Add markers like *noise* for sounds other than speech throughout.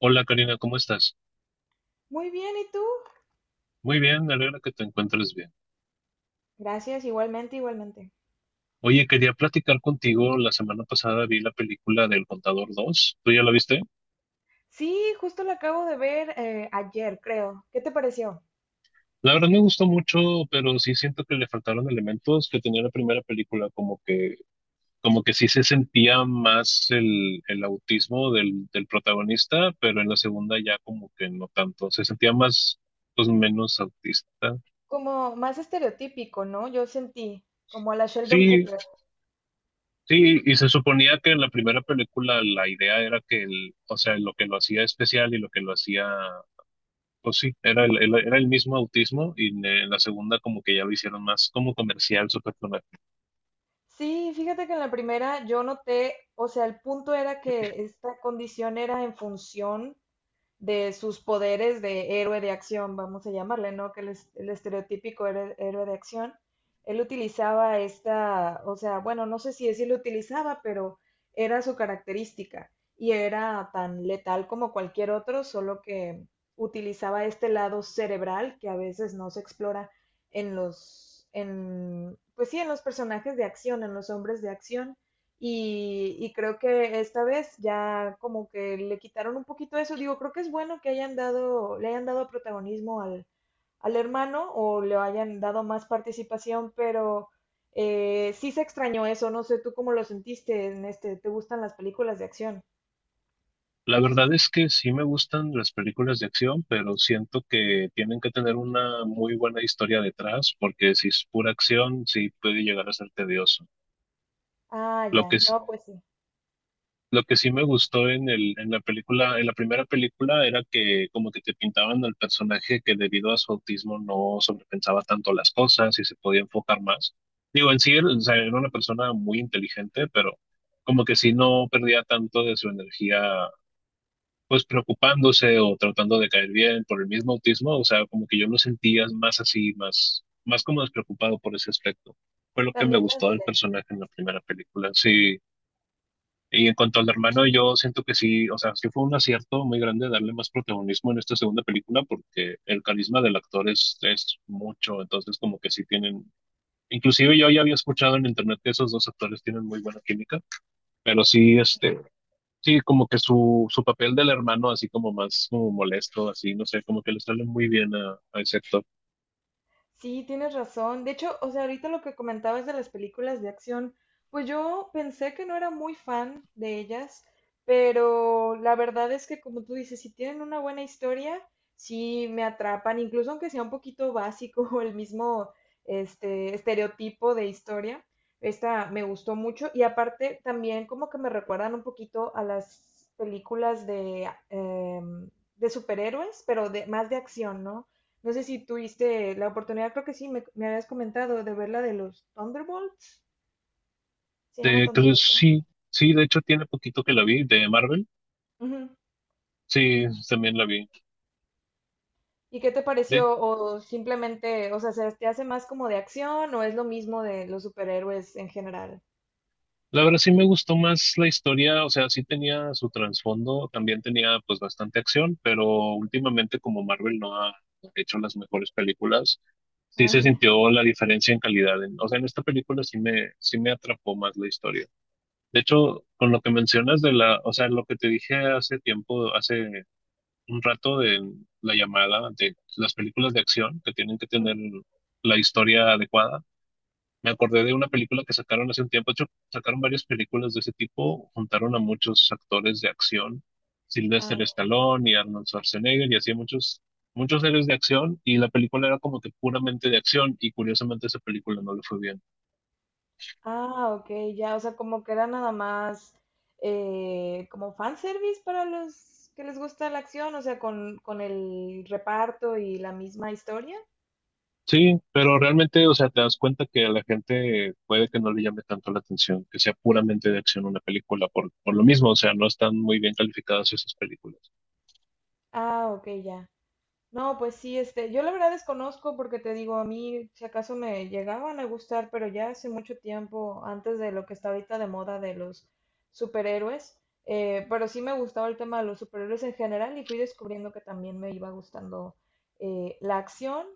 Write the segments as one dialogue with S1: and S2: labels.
S1: Hola Karina, ¿cómo estás?
S2: Muy bien, ¿y tú?
S1: Muy bien, me alegra que te encuentres bien.
S2: Gracias, igualmente, igualmente.
S1: Oye, quería platicar contigo. La semana pasada vi la película del Contador dos. ¿Tú ya la viste?
S2: Sí, justo lo acabo de ver ayer, creo. ¿Qué te pareció?
S1: La verdad me gustó mucho, pero sí siento que le faltaron elementos que tenía la primera película, como que sí se sentía más el autismo del protagonista, pero en la segunda ya como que no tanto. Se sentía más, pues menos autista.
S2: Como más estereotípico, ¿no? Yo sentí, como a la Sheldon
S1: Sí,
S2: Cooper.
S1: sí, y se suponía que en la primera película la idea era que el, o sea, lo que lo hacía especial y lo que lo hacía, pues sí, era el, era el mismo autismo y en la segunda como que ya lo hicieron más como comercial, super comercial.
S2: Sí, fíjate que en la primera yo noté, o sea, el punto era que esta condición era en función de sus poderes de héroe de acción, vamos a llamarle, ¿no? Que el estereotípico héroe de acción. Él utilizaba esta, o sea, bueno, no sé si decirlo utilizaba, pero era su característica y era tan letal como cualquier otro, solo que utilizaba este lado cerebral que a veces no se explora en pues sí, en los personajes de acción, en los hombres de acción. Y creo que esta vez ya como que le quitaron un poquito eso. Digo, creo que es bueno que hayan dado, le hayan dado protagonismo al, al hermano o le hayan dado más participación, pero sí se extrañó eso. No sé tú cómo lo sentiste en este, ¿te gustan las películas de acción?
S1: La verdad es que sí me gustan las películas de acción, pero siento que tienen que tener una muy buena historia detrás, porque si es pura acción, sí puede llegar a ser tedioso.
S2: Ah,
S1: Lo que,
S2: ya, no, pues sí,
S1: Lo que sí me gustó en el, en la película, en la primera película, era que como que te pintaban al personaje que debido a su autismo no sobrepensaba tanto las cosas y se podía enfocar más. Digo, en sí, o sea, era una persona muy inteligente, pero como que sí no perdía tanto de su energía, pues preocupándose o tratando de caer bien por el mismo autismo. O sea, como que yo lo sentía más así, más, más como despreocupado por ese aspecto. Fue lo que me
S2: también más
S1: gustó del
S2: directo.
S1: personaje en la primera película. Sí. Y en cuanto al hermano, yo siento que sí, o sea, sí fue un acierto muy grande darle más protagonismo en esta segunda película porque el carisma del actor es mucho, entonces como que sí tienen, inclusive yo ya había escuchado en internet que esos dos actores tienen muy buena química, pero sí, este, sí, como que su papel del hermano así como más como molesto, así, no sé, como que le sale muy bien a ese actor.
S2: Sí, tienes razón. De hecho, o sea, ahorita lo que comentabas de las películas de acción, pues yo pensé que no era muy fan de ellas, pero la verdad es que como tú dices, si tienen una buena historia, sí me atrapan, incluso aunque sea un poquito básico *laughs* o el mismo este estereotipo de historia. Esta me gustó mucho y aparte también como que me recuerdan un poquito a las películas de, de superhéroes, pero de, más de acción, ¿no? No sé si tuviste la oportunidad, creo que sí, me habías comentado de ver la de los Thunderbolts. Se llama
S1: Entonces
S2: Thunderbolts, ¿no?
S1: sí, sí, de hecho tiene poquito que la vi, de Marvel,
S2: Ujú.
S1: sí, también la vi.
S2: ¿Y qué te
S1: De,
S2: pareció? ¿O simplemente, o sea, se te hace más como de acción o es lo mismo de los superhéroes en general?
S1: La verdad sí me gustó más la historia, o sea, sí tenía su trasfondo, también tenía pues bastante acción, pero últimamente como Marvel no ha hecho las mejores películas, sí
S2: Ah,
S1: se
S2: ya.
S1: sintió la diferencia en calidad. O sea, en esta película sí me atrapó más la historia. De hecho, con lo que mencionas de la, o sea, lo que te dije hace tiempo, hace un rato de la llamada de las películas de acción que tienen que
S2: Ujú.
S1: tener la historia adecuada. Me acordé de una película que sacaron hace un tiempo. De hecho, sacaron varias películas de ese tipo. Juntaron a muchos actores de acción.
S2: Ah,
S1: Sylvester
S2: ya.
S1: Stallone y Arnold Schwarzenegger y así muchos, muchos héroes de acción. Y la película era como que puramente de acción. Y curiosamente esa película no le fue bien.
S2: Ah, ok, ya, o sea, como que era nada más como fanservice para los que les gusta la acción, o sea, con el reparto y la misma historia.
S1: Sí, pero realmente, o sea, te das cuenta que a la gente puede que no le llame tanto la atención, que sea puramente de acción una película por lo mismo. O sea, no están muy bien calificadas esas películas.
S2: Ah, ok, ya. No, pues sí, este, yo la verdad desconozco porque te digo, a mí si acaso me llegaban a gustar, pero ya hace mucho tiempo, antes de lo que está ahorita de moda de los superhéroes, pero sí me gustaba el tema de los superhéroes en general y fui descubriendo que también me iba gustando la acción.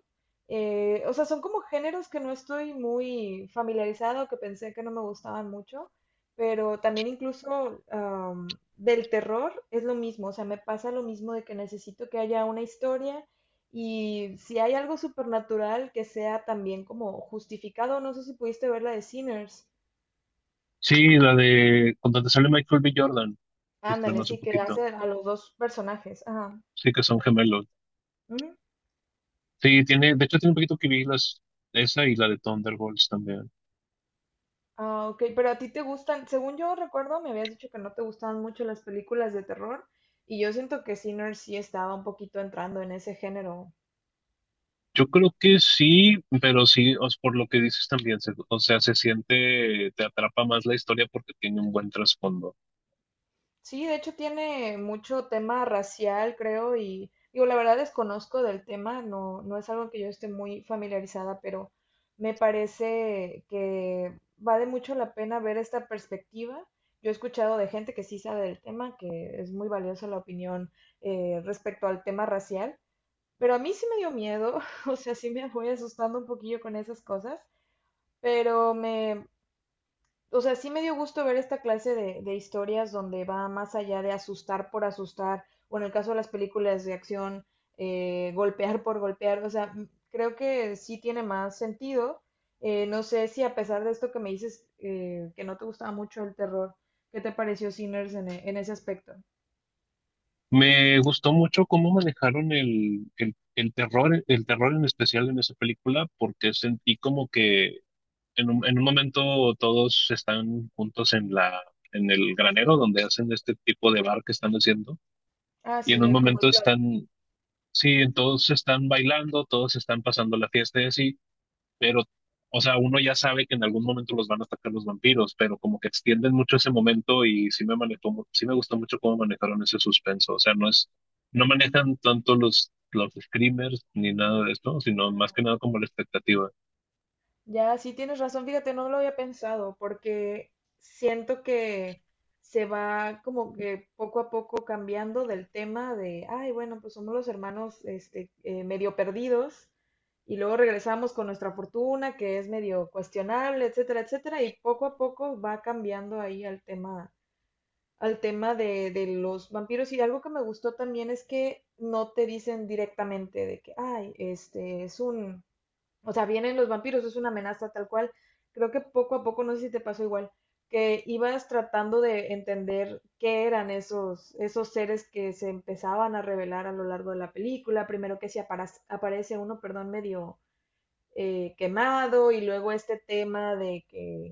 S2: O sea, son como géneros que no estoy muy familiarizado, que pensé que no me gustaban mucho, pero también incluso del terror es lo mismo, o sea, me pasa lo mismo de que necesito que haya una historia y si hay algo supernatural que sea también como justificado, no sé si pudiste ver la de Sinners.
S1: Sí, la de con donde sale Michael B. Jordan. Se estrenó
S2: Ándale,
S1: hace
S2: sí, que
S1: poquito.
S2: hace a los dos personajes. Ajá.
S1: Sí, que son gemelos.
S2: Ujú.
S1: Sí, tiene, de hecho tiene un poquito que vi las, esa y la de Thunderbolts también.
S2: Ah, ok, pero a ti te gustan, según yo recuerdo, me habías dicho que no te gustaban mucho las películas de terror, y yo siento que Sinners sí estaba un poquito entrando en ese género.
S1: Yo creo que sí, pero sí, os por lo que dices también, o sea, se siente, te atrapa más la historia porque tiene un buen trasfondo.
S2: Sí, de hecho tiene mucho tema racial, creo, y digo, la verdad desconozco del tema, no, no es algo que yo esté muy familiarizada, pero me parece que vale mucho la pena ver esta perspectiva. Yo he escuchado de gente que sí sabe del tema, que es muy valiosa la opinión respecto al tema racial, pero a mí sí me dio miedo, *laughs* o sea, sí me voy asustando un poquillo con esas cosas, pero me, o sea, sí me dio gusto ver esta clase de historias donde va más allá de asustar por asustar, o en el caso de las películas de acción, golpear por golpear, o sea, creo que sí tiene más sentido. No sé si a pesar de esto que me dices, que no te gustaba mucho el terror, ¿qué te pareció Sinners en, en ese aspecto?
S1: Me gustó mucho cómo manejaron el terror, el terror en especial en esa película, porque sentí como que en un momento todos están juntos en la, en el granero donde hacen este tipo de bar que están haciendo.
S2: Ah,
S1: Y
S2: sí,
S1: en un
S2: el como el
S1: momento
S2: plot.
S1: están, sí, todos están bailando, todos están pasando la fiesta y así, pero, o sea, uno ya sabe que en algún momento los van a atacar los vampiros, pero como que extienden mucho ese momento y sí me manejó, sí me gustó mucho cómo manejaron ese suspenso, o sea, no es, no manejan tanto los screamers ni nada de esto, sino más que nada como la expectativa.
S2: Ya, sí tienes razón, fíjate, no lo había pensado porque siento que se va como que poco a poco cambiando del tema de, ay, bueno, pues somos los hermanos este, medio perdidos y luego regresamos con nuestra fortuna que es medio cuestionable, etcétera, etcétera, y poco a poco va cambiando ahí al tema de los vampiros. Y algo que me gustó también es que no te dicen directamente de que, ay, este es un o sea, vienen los vampiros, es una amenaza tal cual. Creo que poco a poco, no sé si te pasó igual, que ibas tratando de entender qué eran esos, esos seres que se empezaban a revelar a lo largo de la película. Primero que si aparece uno, perdón, medio quemado y luego este tema de que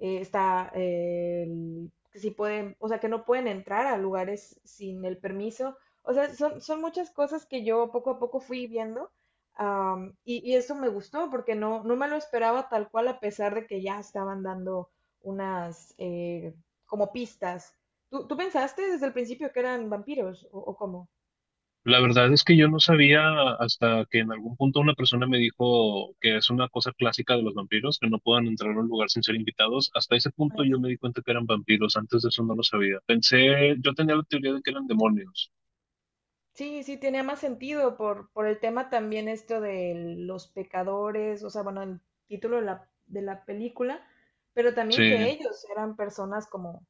S2: que si pueden, o sea, que no pueden entrar a lugares sin el permiso. O sea, son, son muchas cosas que yo poco a poco fui viendo. Y, y eso me gustó porque no, no me lo esperaba tal cual, a pesar de que ya estaban dando unas como pistas. ¿Tú, tú pensaste desde el principio que eran vampiros o cómo?
S1: La verdad es que yo no sabía hasta que en algún punto una persona me dijo que es una cosa clásica de los vampiros, que no puedan entrar a un lugar sin ser invitados. Hasta ese punto yo me di cuenta que eran vampiros, antes de eso no lo sabía. Pensé, yo tenía la teoría de que eran demonios.
S2: Sí, sí, tenía más sentido por el tema también esto de los pecadores, o sea, bueno, el título de la película, pero también que
S1: Sí,
S2: ellos eran personas como,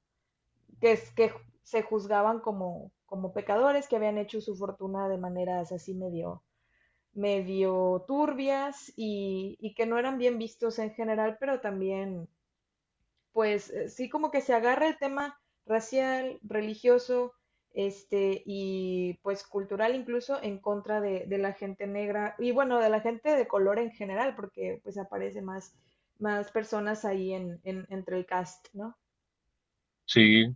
S2: que, es- que ju- se juzgaban como, como pecadores, que habían hecho su fortuna de maneras así medio, medio turbias y que no eran bien vistos en general, pero también pues sí como que se agarra el tema racial, religioso, este, y pues cultural incluso en contra de la gente negra y bueno, de la gente de color en general, porque pues aparece más, más personas ahí en, entre el cast, ¿no?
S1: sí.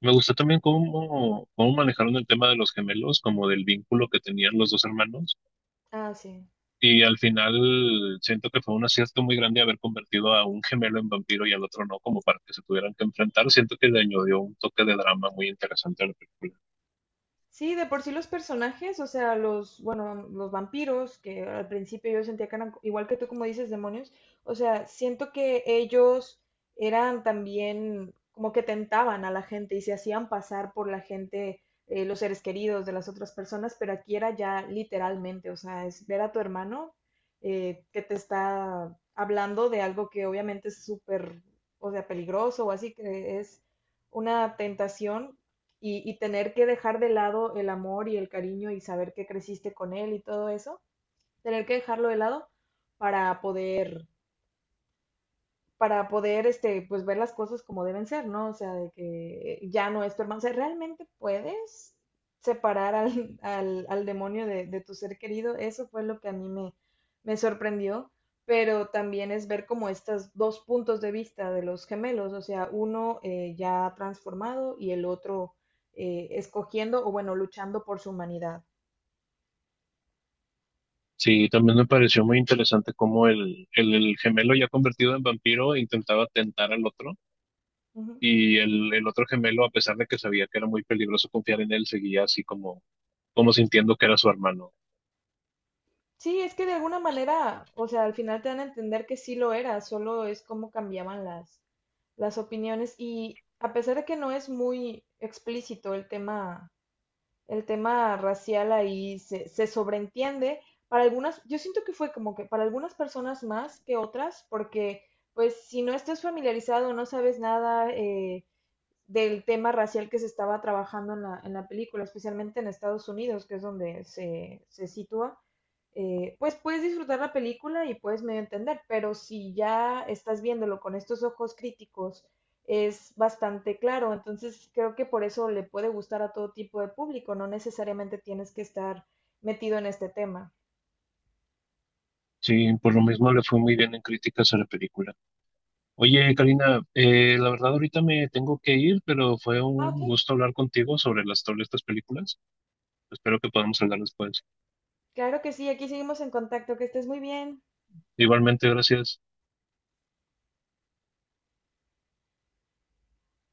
S1: Me gustó también cómo, cómo manejaron el tema de los gemelos, como del vínculo que tenían los dos hermanos.
S2: Ah, sí.
S1: Y al final siento que fue un acierto muy grande haber convertido a un gemelo en vampiro y al otro no, como para que se tuvieran que enfrentar. Siento que le añadió un toque de drama muy interesante a la película.
S2: Sí, de por sí los personajes, o sea, los, bueno, los vampiros, que al principio yo sentía que eran, igual que tú como dices, demonios, o sea, siento que ellos eran también como que tentaban a la gente y se hacían pasar por la gente, los seres queridos de las otras personas, pero aquí era ya literalmente, o sea, es ver a tu hermano que te está hablando de algo que obviamente es súper, o sea, peligroso o así, que es una tentación y tener que dejar de lado el amor y el cariño y saber que creciste con él y todo eso, tener que dejarlo de lado para poder para poder, este, pues ver las cosas como deben ser, ¿no? O sea, de que ya no es tu hermano. O sea, ¿realmente puedes separar al, al, al demonio de tu ser querido? Eso fue lo que a mí me, me sorprendió, pero también es ver como estos dos puntos de vista de los gemelos, o sea, uno ya transformado y el otro escogiendo o bueno, luchando por su humanidad.
S1: Sí, también me pareció muy interesante cómo el, el gemelo ya convertido en vampiro intentaba tentar al otro
S2: Ujú.
S1: y el otro gemelo, a pesar de que sabía que era muy peligroso confiar en él, seguía así como, como sintiendo que era su hermano.
S2: Sí, es que de alguna manera, o sea, al final te dan a entender que sí lo era, solo es como cambiaban las opiniones y a pesar de que no es muy explícito el tema racial ahí se, se sobreentiende, para algunas, yo siento que fue como que para algunas personas más que otras, porque pues si no estás familiarizado, no sabes nada, del tema racial que se estaba trabajando en la película, especialmente en Estados Unidos, que es donde se sitúa, pues puedes disfrutar la película y puedes medio entender, pero si ya estás viéndolo con estos ojos críticos, es bastante claro. Entonces creo que por eso le puede gustar a todo tipo de público, no necesariamente tienes que estar metido en este tema.
S1: Sí, por lo mismo le fue muy bien en críticas a la película. Oye, Karina, la verdad ahorita me tengo que ir, pero fue
S2: Ah,
S1: un
S2: ok.
S1: gusto hablar contigo sobre las sobre estas películas. Espero que podamos hablar después.
S2: Claro que sí, aquí seguimos en contacto, que estés muy bien.
S1: Igualmente, gracias.